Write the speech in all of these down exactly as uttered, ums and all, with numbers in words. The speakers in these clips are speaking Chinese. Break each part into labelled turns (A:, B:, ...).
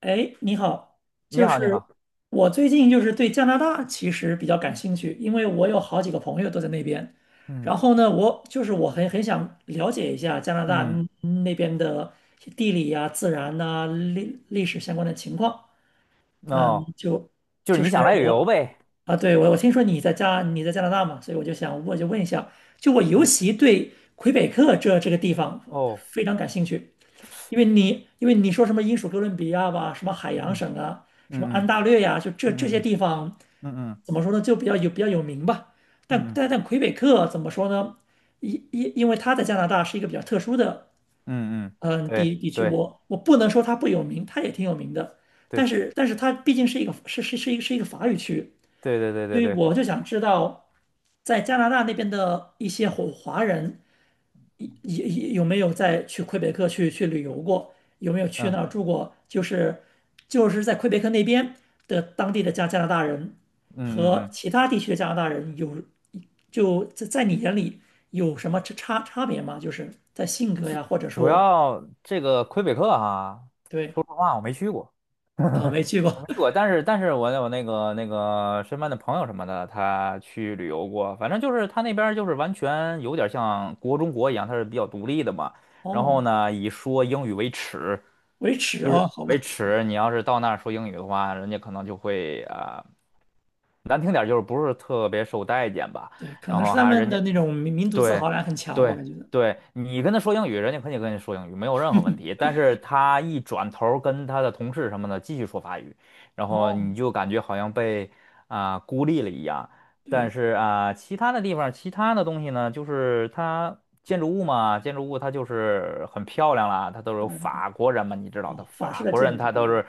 A: 哎，你好，
B: 你
A: 就
B: 好，你
A: 是
B: 好，
A: 我最近就是对加拿大其实比较感兴趣，因为我有好几个朋友都在那边。
B: 嗯
A: 然后呢，我就是我很很想了解一下加拿大
B: 嗯，
A: 嗯那边的地理呀、自然呐、历历史相关的情况。嗯。
B: 哦，
A: 就
B: 就是
A: 就
B: 你想
A: 是
B: 来旅游
A: 我
B: 呗，
A: 啊，对，我我听说你在加你在加拿大嘛，所以我就想我就问一下。就我尤
B: 嗯，
A: 其对魁北克这这个地方
B: 哦，
A: 非常感兴趣。因为你因为你说什么英属哥伦比亚吧，什么海洋
B: 嗯
A: 省啊，什么
B: 嗯
A: 安
B: 嗯
A: 大略呀、就这这
B: 嗯
A: 些
B: 嗯
A: 地方，
B: 嗯嗯
A: 怎么说呢，就比较有比较有名吧。但
B: 嗯嗯
A: 但但魁北克怎么说呢？因因因为它在加拿大是一个比较特殊的
B: 嗯嗯，
A: 嗯地
B: 对
A: 地区，
B: 对
A: 我我不能说它不有名，它也挺有名的。但
B: 对
A: 是但是它毕竟是一个是是是一个是一个法语区，
B: 对对对
A: 所
B: 对
A: 以
B: 对，
A: 我就想知道，在加拿大那边的一些华华人有有没有在去魁北克去去旅游过？有没有去
B: 嗯
A: 那儿住过？就是就是在魁北克那边的当地的加加拿大人
B: 嗯嗯
A: 和
B: 嗯，
A: 其他地区的加拿大人有就在在你眼里有什么差差差别吗？就是在性格呀，或者
B: 主
A: 说
B: 要这个魁北克哈，
A: 对
B: 说实话我没去过，
A: 啊。没去
B: 我
A: 过。
B: 没去过，但是但是我有那个那个身边的朋友什么的，他去旅游过，反正就是他那边儿就是完全有点像国中国一样，他是比较独立的嘛。然
A: 哦。
B: 后呢，以说英语为耻，
A: 维持
B: 就
A: 哦，
B: 是
A: 好
B: 为
A: 吧。
B: 耻。你要是到那儿说英语的话，人家可能就会啊、呃难听点儿就是不是特别受待见吧。
A: 对，可
B: 然
A: 能是
B: 后
A: 他
B: 还
A: 们
B: 人家
A: 的那种民民族自
B: 对，
A: 豪感很强，我
B: 对，
A: 感觉的。
B: 对，你跟他说英语，人家肯定跟你说英语，没有任何问题。但是他一转头儿跟他的同事什么的继续说法语，然后
A: 哦，
B: 你就感觉好像被啊、孤立了一样。但
A: 对。
B: 是啊、其他的地方，其他的东西呢，就是它建筑物嘛，建筑物它就是很漂亮啦，它都是有法国人嘛，你知道的，
A: 哦，法
B: 法
A: 式的
B: 国人
A: 建筑
B: 他
A: 这
B: 都
A: 种。
B: 是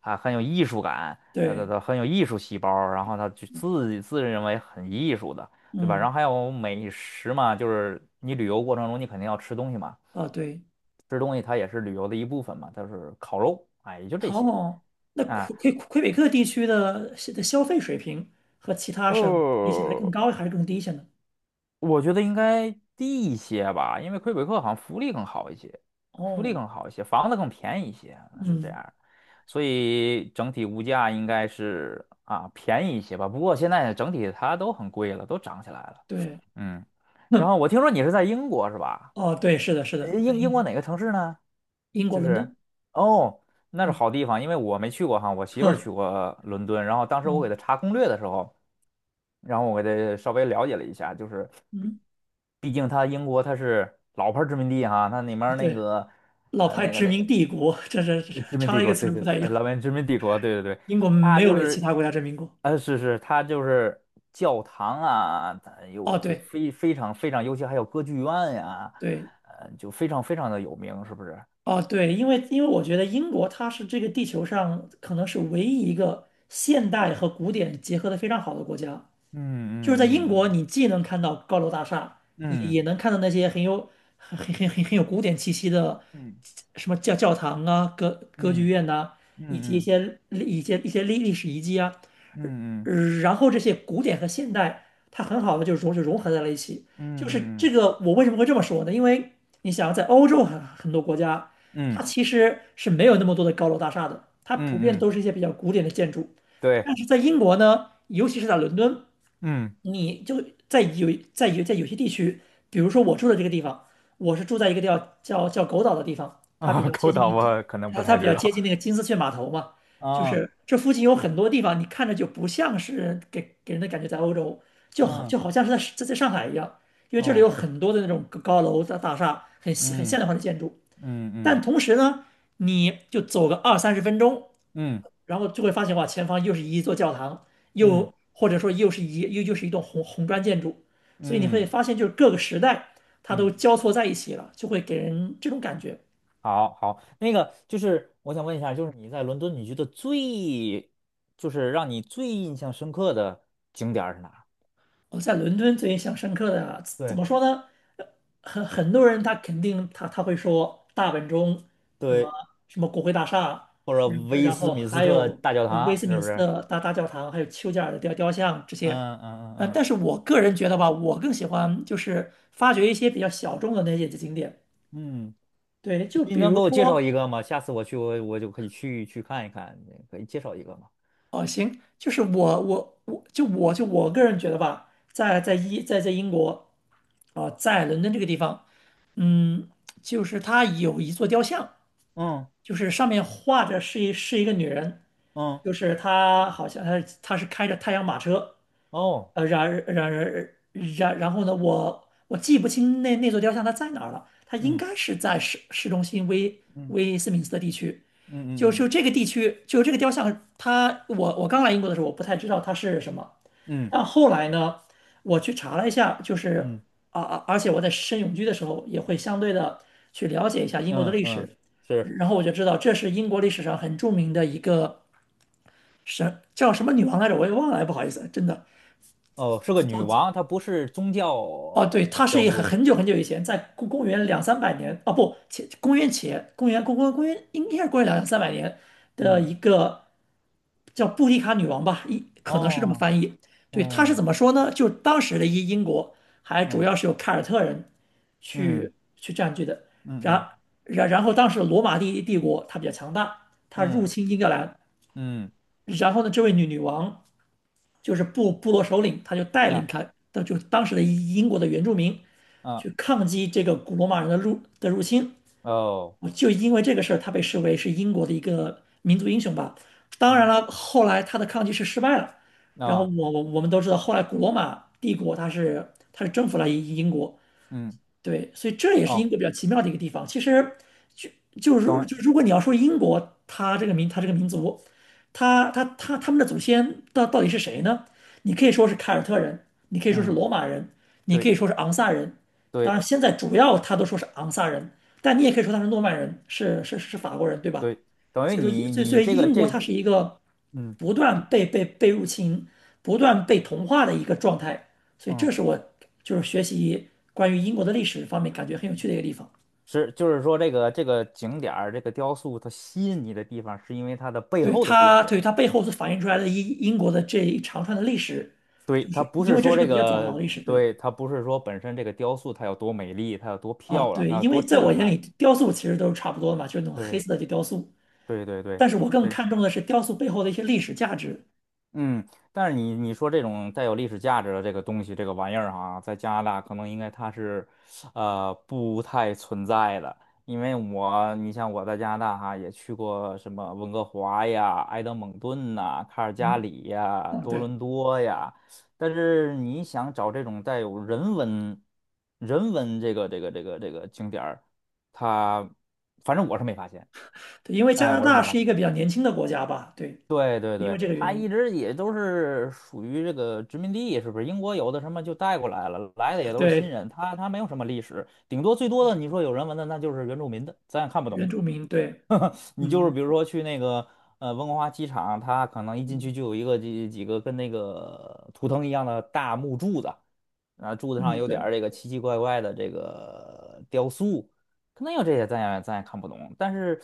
B: 啊、很有艺术感，他他
A: 对。
B: 他很有艺术细胞，然后他就自己自认为很艺术的。对吧？然
A: 嗯。
B: 后还有美食嘛，就是你旅游过程中你肯定要吃东西嘛，
A: 啊，对。
B: 吃东西它也是旅游的一部分嘛，就是烤肉，哎，也就这些
A: 哦，那
B: 啊。
A: 魁魁魁北克地区的的消费水平和其他省比起来
B: 呃，
A: 更高还是更低一些呢？
B: 我觉得应该低一些吧，因为魁北克好像福利更好一些，福利
A: 哦。
B: 更好一些，房子更便宜一些，是这
A: 嗯。
B: 样的。所以整体物价应该是啊便宜一些吧。不过现在整体它都很贵了，都涨起来了。
A: 对。
B: 嗯，然后
A: 哼。
B: 我听说你是在英国是吧？
A: 哦，对，是的，是
B: 呃
A: 的，我在
B: 英
A: 英
B: 英国
A: 国。
B: 哪个城市呢？
A: 英国
B: 就
A: 伦
B: 是
A: 敦。
B: 哦，那是
A: 嗯。
B: 好地方，因为我没去过哈，我媳妇儿
A: 哼。
B: 去过伦敦，然后当时我给
A: 哦。
B: 她查攻略的时候，然后我给她稍微了解了一下，就是
A: 嗯。
B: 毕竟它英国它是老牌儿殖民地哈，它里面儿那
A: 对，
B: 个
A: 老
B: 呃
A: 牌
B: 那个
A: 殖
B: 那
A: 民
B: 个
A: 帝国，这这这
B: 呃殖民
A: 差
B: 帝
A: 了一个
B: 国，
A: 词
B: 对
A: 儿
B: 对
A: 不太
B: 对，
A: 一样，
B: 老牌殖民帝国，对对对，
A: 英国
B: 它
A: 没有
B: 就
A: 被其
B: 是
A: 他国家殖民过。
B: 呃是是，它就是教堂啊，它有
A: 哦，
B: 就
A: 对
B: 非非常非常，尤其还有歌剧院呀、
A: 对。
B: 呃就非常非常的有名，是不是？
A: 哦对，因为因为我觉得英国它是这个地球上可能是唯一一个现代和古典结合的非常好的国家。
B: 嗯
A: 就是在英
B: 嗯嗯
A: 国，
B: 嗯。
A: 你既能看到高楼大厦，也
B: 嗯
A: 也能看到那些很有很很很很很有古典气息的
B: 嗯
A: 什么教教堂啊、歌歌剧
B: 嗯
A: 院呐，以及一
B: 嗯
A: 些一些一些历历史遗迹啊。
B: 嗯嗯
A: 呃然后这些古典和现代，它很好的就融就融合在了一起。就是
B: 嗯
A: 这
B: 嗯
A: 个，我为什么会这么说呢？因为你想，在欧洲很很多国家，
B: 嗯
A: 它
B: 嗯
A: 其实是没有那么多的高楼大厦的，它普遍
B: 嗯
A: 都
B: 嗯，
A: 是一些比较古典的建筑。但
B: 对，
A: 是在英国呢，尤其是在伦敦。
B: 嗯
A: 你就在有在有在有些地区，比如说我住的这个地方，我是住在一个叫叫叫狗岛的地方，它比
B: 啊，
A: 较接
B: 勾
A: 近
B: 导
A: 那个金。
B: 我可能不
A: 它它
B: 太
A: 比
B: 知
A: 较接
B: 道
A: 近那个金丝雀码头嘛，就
B: 啊，
A: 是这附近有很多地方，你看着就不像是给给人的感觉在欧洲，就好
B: 嗯
A: 就好像是在在在上海一样，因为这里有
B: 哦，
A: 很多的那种高高楼大大厦，很现很现
B: 嗯
A: 代化的建筑，
B: 嗯
A: 但
B: 嗯
A: 同时呢，你就走个二三十分钟，
B: 嗯
A: 然后就会发现哇，前方又是一座教堂，又
B: 嗯
A: 或者说又是一又又是一栋红红砖建筑，所以你会
B: 嗯
A: 发现就是各个时代它都
B: 嗯，
A: 交错在一起了，就会给人这种感觉。
B: 好好，那个就是我想问一下，就是你在伦敦，你觉得最就是让你最印象深刻的景点儿是哪儿？
A: 我在伦敦最印象深刻的啊怎
B: 对
A: 么说呢？呃很很多人他肯定他他会说大本钟，什么
B: 对，
A: 什么国会大厦。
B: 或者
A: 嗯
B: 威
A: 然
B: 斯
A: 后
B: 敏斯
A: 还
B: 特
A: 有
B: 大教
A: 威
B: 堂
A: 斯
B: 是
A: 敏
B: 不
A: 斯
B: 是？
A: 特大大教堂，还有丘吉尔的雕雕像这些。
B: 嗯嗯嗯
A: 呃，
B: 嗯
A: 但是我个人觉得吧，我更喜欢就是发掘一些比较小众的那些景点。
B: 嗯。
A: 对，就
B: 你
A: 比
B: 能给
A: 如
B: 我介绍
A: 说
B: 一个吗？下次我去，我我就可以去去看一看，可以介绍一个吗？
A: 哦，行，就是我我我就我就我个人觉得吧，在在英在在英国啊，在伦敦这个地方。嗯，就是它有一座雕像，
B: 嗯
A: 就是上面画着是一是一个女人，
B: 嗯
A: 就是她好像她她是开着太阳马车。
B: 哦，
A: 呃，然然然然然后呢，我我记不清那那座雕像它在哪儿了，它应
B: 嗯
A: 该是在市市中心威
B: 嗯
A: 威斯敏斯特地区。就
B: 嗯
A: 就这
B: 嗯
A: 个地区，就这个雕像，它我我刚来英国的时候，我不太知道它是什么，
B: 嗯
A: 但后来呢，我去查了一下，就是
B: 嗯
A: 啊啊，而且我在申永居的时候也会相对的去了解一下英国的
B: 嗯
A: 历
B: 嗯，嗯
A: 史，
B: 是
A: 然后我就知道这是英国历史上很著名的一个神，叫什么女王来着，我也忘了，哎不好意思，真的。
B: 哦，是个女王，她不是宗教
A: 哦，对，
B: 呃
A: 它是
B: 雕
A: 一很
B: 塑。
A: 很久很久以前，在公公元两三百年，哦不，前公元前公元公公公元应该是公元两三百年的
B: 嗯
A: 一个叫布迪卡女王吧，一可能是这么
B: 哦，
A: 翻译。对，她是怎
B: 嗯
A: 么说呢？就当时的一英国还主
B: 嗯
A: 要是由凯尔特人
B: 嗯
A: 去去占据的，
B: 嗯
A: 然然然后当时罗马帝帝国它比较强大，它入
B: 嗯
A: 侵英格兰，
B: 嗯，
A: 然后呢，这位女女王就是部部落首领，他就带领
B: 啊
A: 他的就是当时的英国的原住民
B: 啊
A: 去抗击这个古罗马人的入的入侵。
B: 哦，
A: 就因为这个事儿，他被视为是英国的一个民族英雄吧。当然
B: 嗯
A: 了，后来他的抗击是失败了，然后
B: 啊
A: 我我我们都知道，后来古罗马帝国它是它是征服了英英国，
B: 嗯
A: 对，所以这也是英
B: 哦，
A: 国比较奇妙的一个地方。其实就就如
B: 等，
A: 就如果你要说英国，它这个民它这个民族，它它它他们的祖先到到底是谁呢？你可以说是凯尔特人，你可以说是
B: 嗯，
A: 罗马人，你可
B: 对
A: 以说是昂萨人。当然，
B: 对
A: 现在主要他都说是昂萨人，但你也可以说他是诺曼人，是是是法国人，对吧？
B: 对，等于
A: 所以说
B: 你
A: 英，所以所
B: 你
A: 以
B: 这个
A: 英国它
B: 这，
A: 是一个
B: 嗯。
A: 不断被被被入侵、不断被同化的一个状态。所以
B: 嗯
A: 这是我就是学习关于英国的历史方面感觉很有趣的一个地方。
B: 是，就是说这个这个景点儿，这个雕塑，它吸引你的地方是因为它的背
A: 对
B: 后的故
A: 它，对它
B: 事。
A: 背后所反映出来的英英国的这一长串的历史，
B: 对，
A: 就
B: 它
A: 是
B: 不
A: 因
B: 是
A: 为这
B: 说
A: 是个
B: 这
A: 比较早
B: 个，
A: 的历史，对。
B: 对，它不是说本身这个雕塑它有多美丽，它有多
A: 啊，
B: 漂亮，
A: 对，
B: 它有
A: 因
B: 多
A: 为在我
B: 震
A: 眼
B: 撼。
A: 里，雕塑其实都是差不多的嘛，就是那种黑
B: 对，
A: 色的雕塑，
B: 对，对，对，
A: 但是我更
B: 对。
A: 看重的是雕塑背后的一些历史价值。
B: 嗯，但是你你说这种带有历史价值的这个东西，这个玩意儿哈，在加拿大可能应该它是，呃，不太存在的。因为我，你像我在加拿大哈，也去过什么温哥华呀、埃德蒙顿呐、卡尔加
A: 嗯。
B: 里呀、
A: 嗯
B: 多
A: 对
B: 伦多呀，但是你想找这种带有人文、人文这个这个这个这个景点儿，它反正我是没发现，
A: 对，因为加
B: 哎，
A: 拿
B: 我是
A: 大
B: 没发
A: 是一
B: 现。
A: 个比较年轻的国家吧，对，
B: 对对
A: 因为
B: 对，
A: 这个
B: 他
A: 原
B: 一
A: 因。
B: 直也都是属于这个殖民地，是不是？英国有的什么就带过来了，来的也都是新
A: 对，
B: 人，他他没有什么历史，顶多最多的你说有人文的，那就是原住民的，咱也看不
A: 原
B: 懂。
A: 住民。对。
B: 你就是
A: 嗯。
B: 比如说去那个呃温哥华机场，它可能一进
A: 嗯，
B: 去就有一个几几个跟那个图腾一样的大木柱子，然后柱子上
A: 嗯
B: 有点
A: 对
B: 儿这个奇奇怪怪的这个雕塑，可能有这些咱也咱也看不懂，但是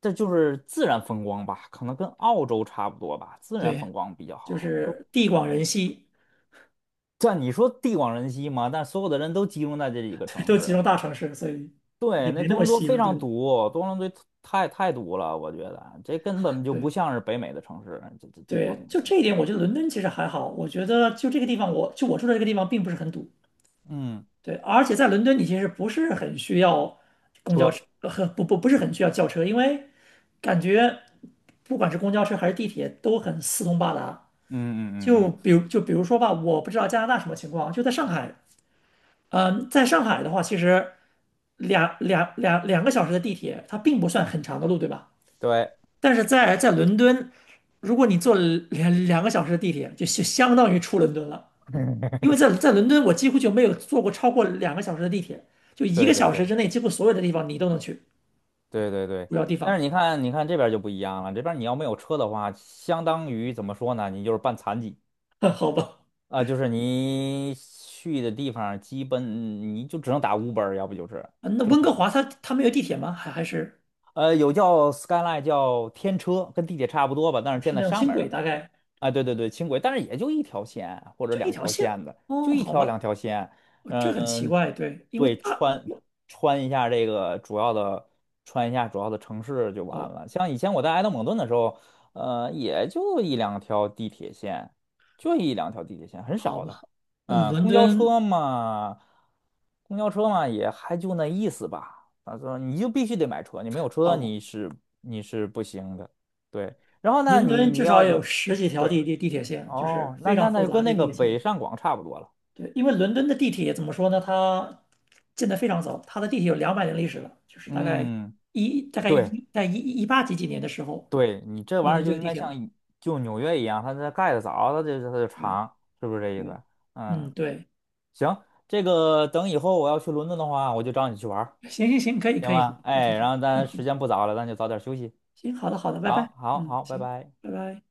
B: 这就是自然风光吧，可能跟澳洲差不多吧，自然
A: 对，
B: 风光比较
A: 就
B: 好。如
A: 是地
B: 嗯
A: 广
B: 对，
A: 人稀。
B: 但你说地广人稀嘛，但所有的人都集中在这几个 城
A: 都集中
B: 市，
A: 大城市，所以也
B: 对，那
A: 没那
B: 多
A: 么
B: 伦多
A: 稀
B: 非
A: 了，对
B: 常
A: 不对？
B: 堵，多伦多太太堵了，我觉得这根本就
A: 对
B: 不像是北美的城市，这这地广
A: 对，
B: 人
A: 就
B: 稀。
A: 这一点，我觉得伦敦其实还好。我觉得就这个地方我，就我住的这个地方并不是很堵，
B: 嗯，
A: 对，而且在伦敦你其实不是很需要公交
B: 车，
A: 车，和不不不是很需要轿车，因为感觉不管是公交车还是地铁都很四通八达。
B: 嗯嗯嗯
A: 就
B: 嗯，
A: 比如就比如说吧，我不知道加拿大什么情况。就在上海，嗯，在上海的话，其实两两两两个小时的地铁，它并不算很长的路，对吧？
B: 对，
A: 但是在在伦敦，如果你坐了两两个小时的地铁，就就相当于出伦敦了。因为 在在伦敦，我几乎就没有坐过超过两个小时的地铁，就一
B: 对
A: 个
B: 对
A: 小
B: 对
A: 时之内，几乎所有的地方你都能去，
B: 对对对。
A: 主要地
B: 但
A: 方。
B: 是你看，你看这边儿就不一样了，这边儿你要没有车的话，相当于怎么说呢？你就是半残疾
A: 好吧？
B: 啊、就是你去的地方，基本你就只能打 Uber，要不就是
A: 啊那
B: 就是
A: 温哥
B: 很
A: 华它它没有地铁吗？还还是
B: 呃有叫 Skyline 叫天车，跟地铁差不多吧，但是建
A: 是
B: 在
A: 那种
B: 上
A: 轻
B: 面儿
A: 轨，
B: 的。
A: 大概
B: 啊，对对对，轻轨，但是也就一条线或者
A: 就一
B: 两
A: 条
B: 条
A: 线？
B: 线的，就
A: 哦，
B: 一
A: 好
B: 条两
A: 吧。
B: 条线。
A: 哦这很奇
B: 嗯，
A: 怪，对，因为
B: 对，
A: 大。
B: 穿穿一下这个主要的，穿一下主要的城市就完
A: 哦，
B: 了。像以前我在埃德蒙顿的时候，呃，也就一两条地铁线，就一两条地铁线，很
A: 好
B: 少的。
A: 吧。那
B: 嗯，
A: 伦
B: 公交
A: 敦
B: 车嘛，公交车嘛，也还就那意思吧。他说你就必须得买车，你没有车
A: 好吧，
B: 你是你是不行的。对，然后呢，
A: 伦
B: 你
A: 敦
B: 你
A: 至少
B: 要
A: 有十几条
B: 对。
A: 地地地铁线，就是
B: 哦，那
A: 非
B: 那
A: 常
B: 那
A: 复
B: 就跟
A: 杂这
B: 那
A: 地
B: 个
A: 铁系统。
B: 北上广差不多了。
A: 对，因为伦敦的地铁怎么说呢？它建得非常早，它的地铁有两百年历史了，就是大概
B: 嗯，
A: 一大概
B: 对
A: 一在一一八几几年的时候，
B: 对，你这
A: 伦
B: 玩意
A: 敦
B: 儿
A: 就
B: 就
A: 有
B: 应
A: 地
B: 该
A: 铁了。
B: 像一就纽约一样，它它盖的早，它就它就
A: 对
B: 长，是不是这意
A: 对。
B: 思？嗯，
A: 嗯对。
B: 行，这个等以后我要去伦敦的话，我就找你去玩儿
A: 行行行，可以
B: 行
A: 可以，好，
B: 吗？
A: 那
B: 哎，
A: 挺好，
B: 然后
A: 嗯
B: 咱时
A: 好，
B: 间不早了，咱就早点休息。
A: 行，好的好的，拜拜。
B: 好，好，
A: 嗯
B: 好，拜
A: 行。
B: 拜。
A: 拜拜。